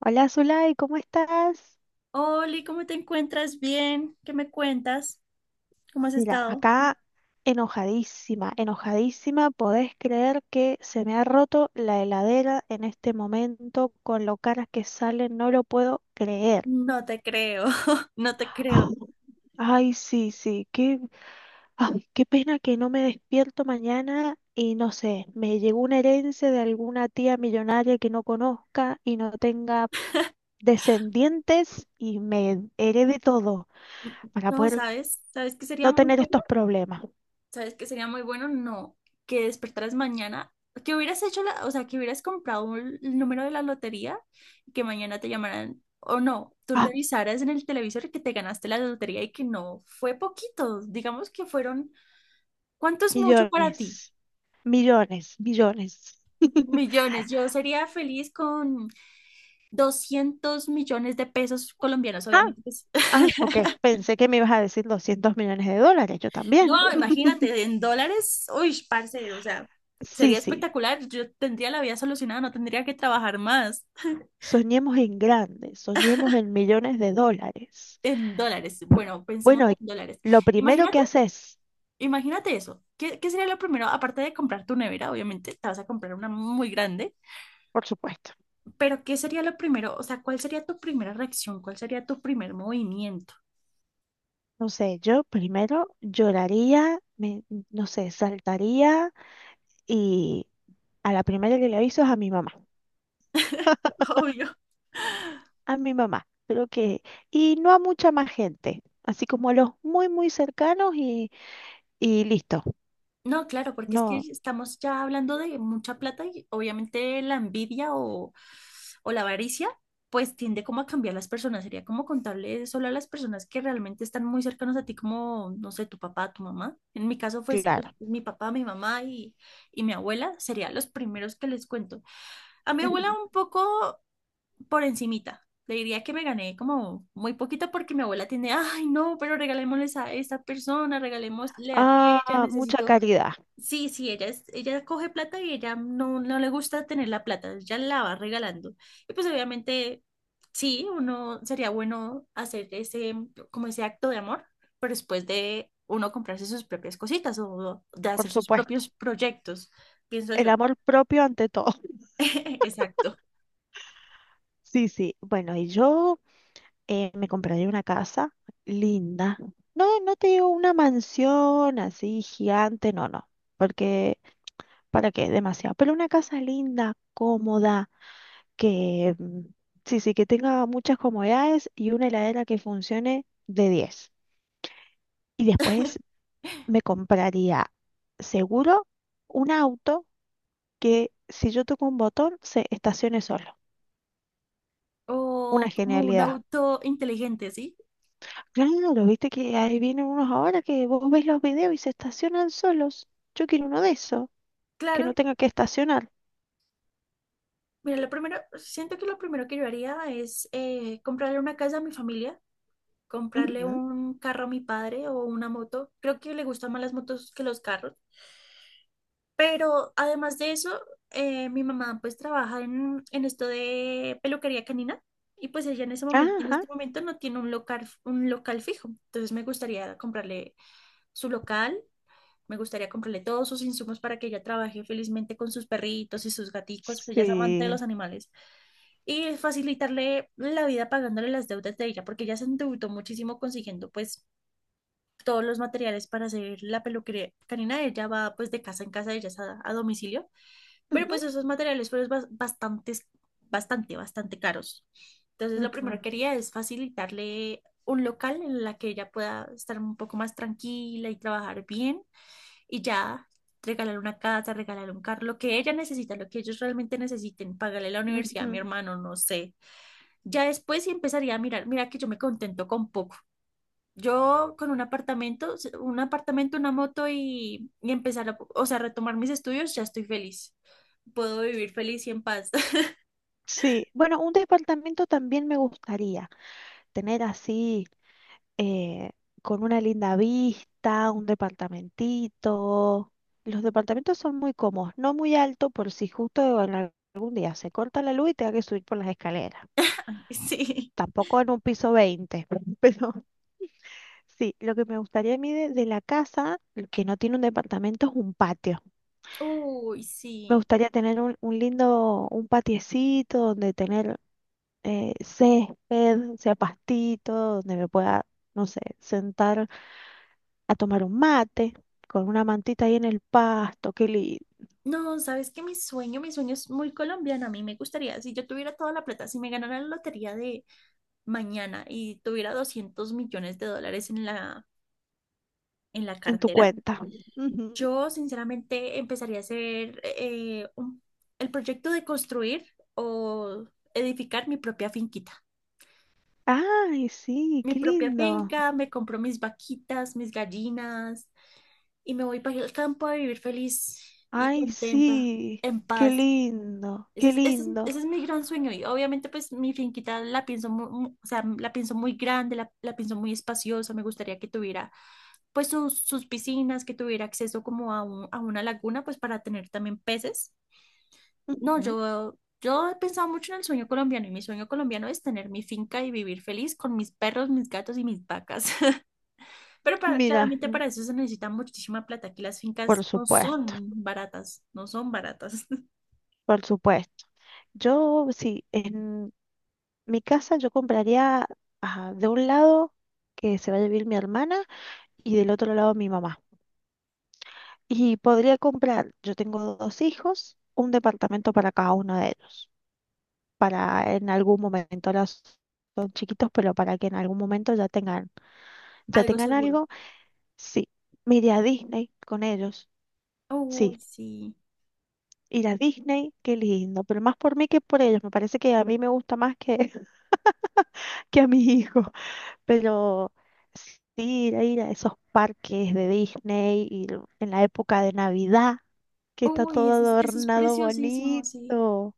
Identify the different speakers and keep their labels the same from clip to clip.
Speaker 1: Hola Zulay, ¿cómo estás?
Speaker 2: Oli, ¿cómo te encuentras? Bien, ¿qué me cuentas? ¿Cómo has
Speaker 1: Mira,
Speaker 2: estado?
Speaker 1: acá enojadísima, enojadísima. ¿Podés creer que se me ha roto la heladera en este momento con lo caras que salen? No lo puedo creer.
Speaker 2: No te creo, no te
Speaker 1: Ah,
Speaker 2: creo.
Speaker 1: ay, sí, sí, qué, ay, qué pena que no me despierto mañana y no sé, me llegó una herencia de alguna tía millonaria que no conozca y no tenga descendientes y me herede todo
Speaker 2: Mm.
Speaker 1: para
Speaker 2: No,
Speaker 1: poder
Speaker 2: ¿sabes? ¿Sabes qué sería
Speaker 1: no
Speaker 2: muy
Speaker 1: tener
Speaker 2: bueno?
Speaker 1: estos problemas.
Speaker 2: ¿Sabes qué sería muy bueno? No, que despertaras mañana, que hubieras hecho que hubieras comprado el número de la lotería y que mañana te llamaran, o no, tú revisaras en el televisor que te ganaste la lotería y que no fue poquito, digamos que fueron, ¿cuánto es mucho para ti?
Speaker 1: Millones, millones, millones.
Speaker 2: Millones. Yo sería feliz con 200 millones de pesos colombianos,
Speaker 1: Ah,
Speaker 2: obviamente pues.
Speaker 1: ah, ok. Pensé que me ibas a decir 200 millones de dólares, yo también.
Speaker 2: No, imagínate, en dólares, uy, parce, o sea,
Speaker 1: Sí,
Speaker 2: sería
Speaker 1: sí.
Speaker 2: espectacular. Yo tendría la vida solucionada, no tendría que trabajar más
Speaker 1: Soñemos en grande, soñemos en millones de dólares.
Speaker 2: en dólares. Bueno, pensemos
Speaker 1: Bueno, y
Speaker 2: en dólares.
Speaker 1: lo primero que
Speaker 2: Imagínate,
Speaker 1: haces,
Speaker 2: imagínate eso. ¿Qué sería lo primero? Aparte de comprar tu nevera, obviamente, te vas a comprar una muy grande,
Speaker 1: por supuesto,
Speaker 2: pero ¿qué sería lo primero? O sea, ¿cuál sería tu primera reacción? ¿Cuál sería tu primer movimiento?
Speaker 1: no sé, yo primero lloraría, me, no sé, saltaría y a la primera que le aviso es a mi mamá.
Speaker 2: Obvio.
Speaker 1: A mi mamá, creo que, y no a mucha más gente, así como a los muy, muy cercanos y listo.
Speaker 2: No, claro, porque es que
Speaker 1: No,
Speaker 2: estamos ya hablando de mucha plata y obviamente la envidia o la avaricia, pues tiende como a cambiar las personas. Sería como contarle solo a las personas que realmente están muy cercanos a ti, como, no sé, tu papá, tu mamá. En mi caso fue
Speaker 1: claro.
Speaker 2: mi papá, mi mamá y mi abuela, serían los primeros que les cuento. A mi abuela
Speaker 1: Ujú.
Speaker 2: un poco por encimita. Le diría que me gané como muy poquito porque mi abuela tiene, ay, no, pero regalémosles a esta persona, regalémosle a aquella,
Speaker 1: Ah, mucha
Speaker 2: necesito.
Speaker 1: caridad,
Speaker 2: Sí, sí, ella, ella coge plata y ella no, no le gusta tener la plata, ella la va regalando. Y pues obviamente, sí, uno sería bueno hacer ese, como ese acto de amor, pero después de uno comprarse sus propias cositas o de hacer
Speaker 1: por
Speaker 2: sus
Speaker 1: supuesto.
Speaker 2: propios proyectos, pienso
Speaker 1: El
Speaker 2: yo.
Speaker 1: amor propio ante todo.
Speaker 2: Exacto.
Speaker 1: Sí, sí. Bueno, y yo me compraría una casa linda. No, no te digo una mansión así gigante, no, no, porque ¿para qué? Demasiado. Pero una casa linda, cómoda que sí, sí, que tenga muchas comodidades y una heladera que funcione de diez. Y después me compraría seguro un auto que si yo toco un botón se estacione solo. Una
Speaker 2: ¿O como un
Speaker 1: genialidad.
Speaker 2: auto inteligente, sí?
Speaker 1: Claro, viste que ahí vienen unos ahora que vos ves los videos y se estacionan solos. Yo quiero uno de esos, que
Speaker 2: Claro.
Speaker 1: no tenga que estacionar.
Speaker 2: Mira, lo primero, siento que lo primero que yo haría es comprarle una casa a mi familia, comprarle
Speaker 1: Ujú.
Speaker 2: un carro a mi padre o una moto. Creo que le gustan más las motos que los carros. Pero además de eso, mi mamá pues trabaja en esto de peluquería canina y pues ella en ese momento, en
Speaker 1: Ajá,
Speaker 2: este momento no tiene un local fijo. Entonces me gustaría comprarle su local, me gustaría comprarle todos sus insumos para que ella trabaje felizmente con sus perritos y sus gaticos, pues ella es amante de
Speaker 1: sí.
Speaker 2: los animales y facilitarle la vida pagándole las deudas de ella, porque ella se endeudó muchísimo consiguiendo pues todos los materiales para hacer la peluquería canina. Ella va pues de casa en casa, ella es a domicilio, pero
Speaker 1: Ujú,
Speaker 2: pues esos materiales fueron bastantes, bastante, bastante caros. Entonces lo primero
Speaker 1: ujú,
Speaker 2: que quería es facilitarle un local en la que ella pueda estar un poco más tranquila y trabajar bien y ya regalar una casa, regalar un carro, lo que ella necesita, lo que ellos realmente necesiten, pagarle la universidad a mi
Speaker 1: ujú.
Speaker 2: hermano, no sé. Ya después sí empezaría a mirar, mira que yo me contento con poco. Yo con un apartamento, una moto y empezar retomar mis estudios, ya estoy feliz. Puedo vivir feliz y en paz.
Speaker 1: Sí, bueno, un departamento también me gustaría tener así, eh, con una linda vista, un departamentito. Los departamentos son muy cómodos, no muy alto por si justo en algún día se corta la luz y tenga que subir por las escaleras.
Speaker 2: Sí.
Speaker 1: Tampoco en un piso 20, pero sí, lo que me gustaría a mí de la casa, que no tiene un departamento, es un patio.
Speaker 2: Uy,
Speaker 1: Me
Speaker 2: sí.
Speaker 1: gustaría tener un lindo, un patiecito donde tener césped, sea pastito, donde me pueda, no sé, sentar a tomar un mate con una mantita ahí en el pasto, qué lindo,
Speaker 2: No, sabes que mi sueño es muy colombiano. A mí me gustaría, si yo tuviera toda la plata, si me ganara la lotería de mañana y tuviera 200 millones de dólares en en la
Speaker 1: en tu
Speaker 2: cartera,
Speaker 1: cuenta. Ujú.
Speaker 2: yo sinceramente empezaría a hacer el proyecto de construir o edificar mi propia finquita.
Speaker 1: Ay, sí,
Speaker 2: Mi
Speaker 1: qué
Speaker 2: propia
Speaker 1: lindo.
Speaker 2: finca, me compro mis vaquitas, mis gallinas y me voy para el campo a vivir feliz y
Speaker 1: Ay,
Speaker 2: contenta,
Speaker 1: sí,
Speaker 2: en
Speaker 1: qué
Speaker 2: paz.
Speaker 1: lindo, qué lindo.
Speaker 2: Ese es mi gran sueño y obviamente pues mi finquita la pienso la pienso muy grande, la pienso muy espaciosa, me gustaría que tuviera pues sus piscinas, que tuviera acceso como a una laguna pues para tener también peces. No,
Speaker 1: Ujú.
Speaker 2: yo he pensado mucho en el sueño colombiano y mi sueño colombiano es tener mi finca y vivir feliz con mis perros, mis gatos y mis vacas. Pero para,
Speaker 1: Mira,
Speaker 2: claramente para eso se necesita muchísima plata, que las
Speaker 1: por
Speaker 2: fincas no
Speaker 1: supuesto,
Speaker 2: son baratas, no son baratas.
Speaker 1: por supuesto. Yo, sí, en mi casa yo compraría ah, de un lado que se va a vivir mi hermana y del otro lado mi mamá. Y podría comprar, yo tengo dos hijos, un departamento para cada uno de ellos. Para en algún momento, ahora son chiquitos, pero para que en algún momento ya
Speaker 2: Algo
Speaker 1: tengan
Speaker 2: seguro.
Speaker 1: algo, sí, me iré a Disney con ellos, sí,
Speaker 2: Uy, sí.
Speaker 1: ir a Disney, qué lindo, pero más por mí que por ellos, me parece que a mí me gusta más que, que a mis hijos, pero sí, ir a, ir a esos parques de Disney, ir en la época de Navidad, que está
Speaker 2: Uy,
Speaker 1: todo
Speaker 2: eso es
Speaker 1: adornado
Speaker 2: preciosísimo, sí.
Speaker 1: bonito,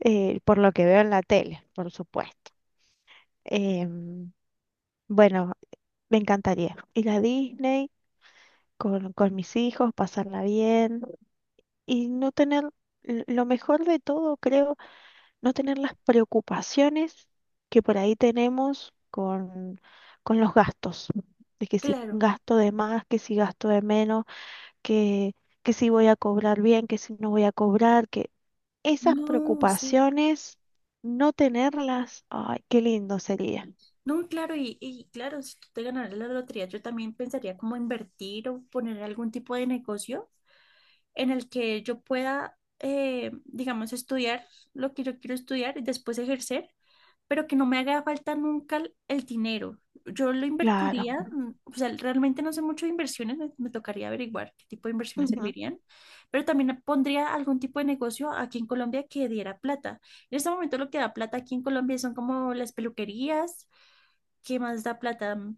Speaker 1: por lo que veo en la tele, por supuesto. Em, bueno, me encantaría ir a Disney con mis hijos, pasarla bien y no tener, lo mejor de todo, creo, no tener las preocupaciones que por ahí tenemos con los gastos. De que si
Speaker 2: Claro.
Speaker 1: gasto de más, que si gasto de menos, que, que si voy a cobrar bien, que si no voy a cobrar, que esas
Speaker 2: No, sí.
Speaker 1: preocupaciones, no tenerlas, ay, qué lindo sería.
Speaker 2: No, claro, y claro, si tú te ganaras la lotería, yo también pensaría como invertir o poner algún tipo de negocio en el que yo pueda, digamos, estudiar lo que yo quiero estudiar y después ejercer pero que no me haga falta nunca el dinero. Yo lo
Speaker 1: Claro.
Speaker 2: invertiría, mm, o sea, realmente no sé mucho de inversiones, me tocaría averiguar qué tipo de inversiones
Speaker 1: Ujú.
Speaker 2: servirían, pero también pondría algún tipo de negocio aquí en Colombia que diera plata. En este momento lo que da plata aquí en Colombia son como las peluquerías, ¿qué más da plata?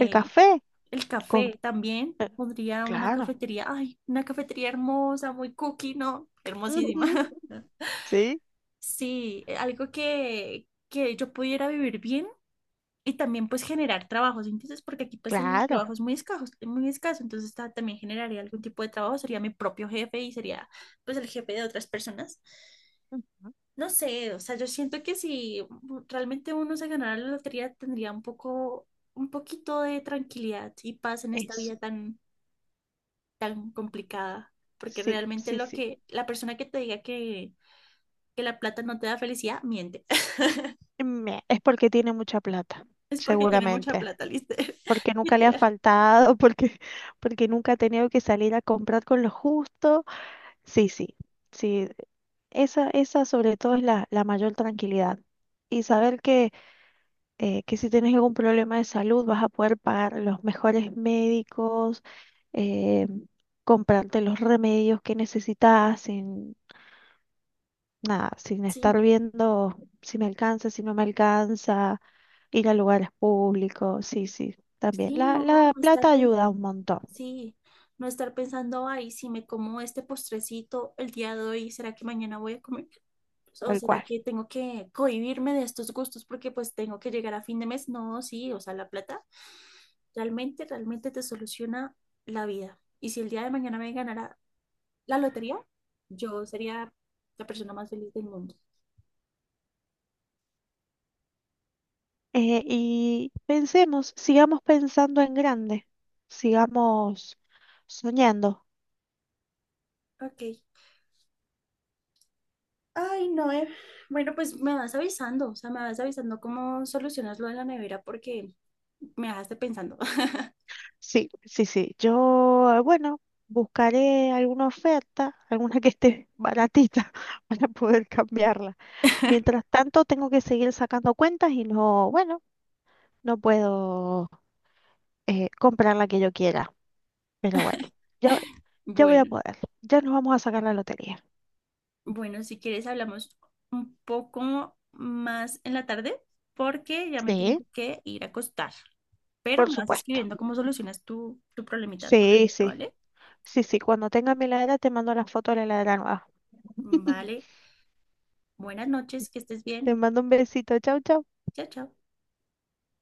Speaker 1: El café,
Speaker 2: el
Speaker 1: con,
Speaker 2: café también, pondría una
Speaker 1: claro.
Speaker 2: cafetería, ay, una cafetería hermosa, muy cookie, ¿no? Hermosísima.
Speaker 1: Ujú, sí,
Speaker 2: Sí, algo que yo pudiera vivir bien y también pues generar trabajos, entonces porque aquí pues el
Speaker 1: claro.
Speaker 2: trabajo es muy escaso, entonces también generaría algún tipo de trabajo, sería mi propio jefe y sería pues el jefe de otras personas.
Speaker 1: Ujú,
Speaker 2: No sé, o sea, yo siento que si realmente uno se ganara la lotería tendría un poco, un poquito de tranquilidad y paz en esta
Speaker 1: eso.
Speaker 2: vida tan, tan complicada, porque
Speaker 1: Sí,
Speaker 2: realmente
Speaker 1: sí,
Speaker 2: lo
Speaker 1: sí.
Speaker 2: que, la persona que te diga que la plata no te da felicidad, miente,
Speaker 1: Es porque tiene mucha plata,
Speaker 2: es porque tiene mucha
Speaker 1: seguramente.
Speaker 2: plata, literal.
Speaker 1: Porque nunca le ha
Speaker 2: Literal.
Speaker 1: faltado, porque, porque nunca ha tenido que salir a comprar con lo justo. Sí, sí, sí. Esa sobre todo es la, la mayor tranquilidad. Y saber que si tienes algún problema de salud vas a poder pagar los mejores médicos, eh, comprarte los remedios que necesitas nada, sin
Speaker 2: Sí.
Speaker 1: estar viendo si me alcanza, si no me alcanza, ir a lugares públicos, sí, sí, también.
Speaker 2: Sí,
Speaker 1: La,
Speaker 2: no,
Speaker 1: la
Speaker 2: no estar
Speaker 1: plata
Speaker 2: pensando.
Speaker 1: ayuda un montón,
Speaker 2: Sí, no estar pensando, ay, si me como este postrecito el día de hoy, ¿será que mañana voy a comer? ¿O
Speaker 1: tal
Speaker 2: será
Speaker 1: cual.
Speaker 2: que tengo que cohibirme de estos gustos porque pues tengo que llegar a fin de mes? No, sí, o sea, la plata realmente, realmente te soluciona la vida. Y si el día de mañana me ganara la lotería, yo sería la persona más feliz del mundo.
Speaker 1: Y pensemos, sigamos pensando en grande, sigamos soñando.
Speaker 2: Ok. Ay, no, eh. Bueno, pues me vas avisando, o sea, me vas avisando cómo solucionas lo de la nevera porque me dejaste pensando.
Speaker 1: Sí, sí, sí. Yo, bueno, buscaré alguna oferta, alguna que esté baratita para poder cambiarla. Mientras tanto, tengo que seguir sacando cuentas y no, bueno, no puedo comprar la que yo quiera. Pero bueno, yo, yo voy a
Speaker 2: Bueno.
Speaker 1: poder. Ya nos vamos a sacar la lotería.
Speaker 2: Bueno, si quieres hablamos un poco más en la tarde porque ya me
Speaker 1: Sí,
Speaker 2: tengo que ir a acostar. Pero
Speaker 1: por
Speaker 2: me vas
Speaker 1: supuesto.
Speaker 2: escribiendo cómo solucionas tu problemita con la
Speaker 1: Sí,
Speaker 2: nevera,
Speaker 1: sí,
Speaker 2: ¿vale?
Speaker 1: sí, sí. Cuando tenga mi heladera te mando la foto de la heladera nueva.
Speaker 2: Vale. Buenas noches, que estés
Speaker 1: Te
Speaker 2: bien.
Speaker 1: mando un besito. Chau, chau.
Speaker 2: Chao, chao.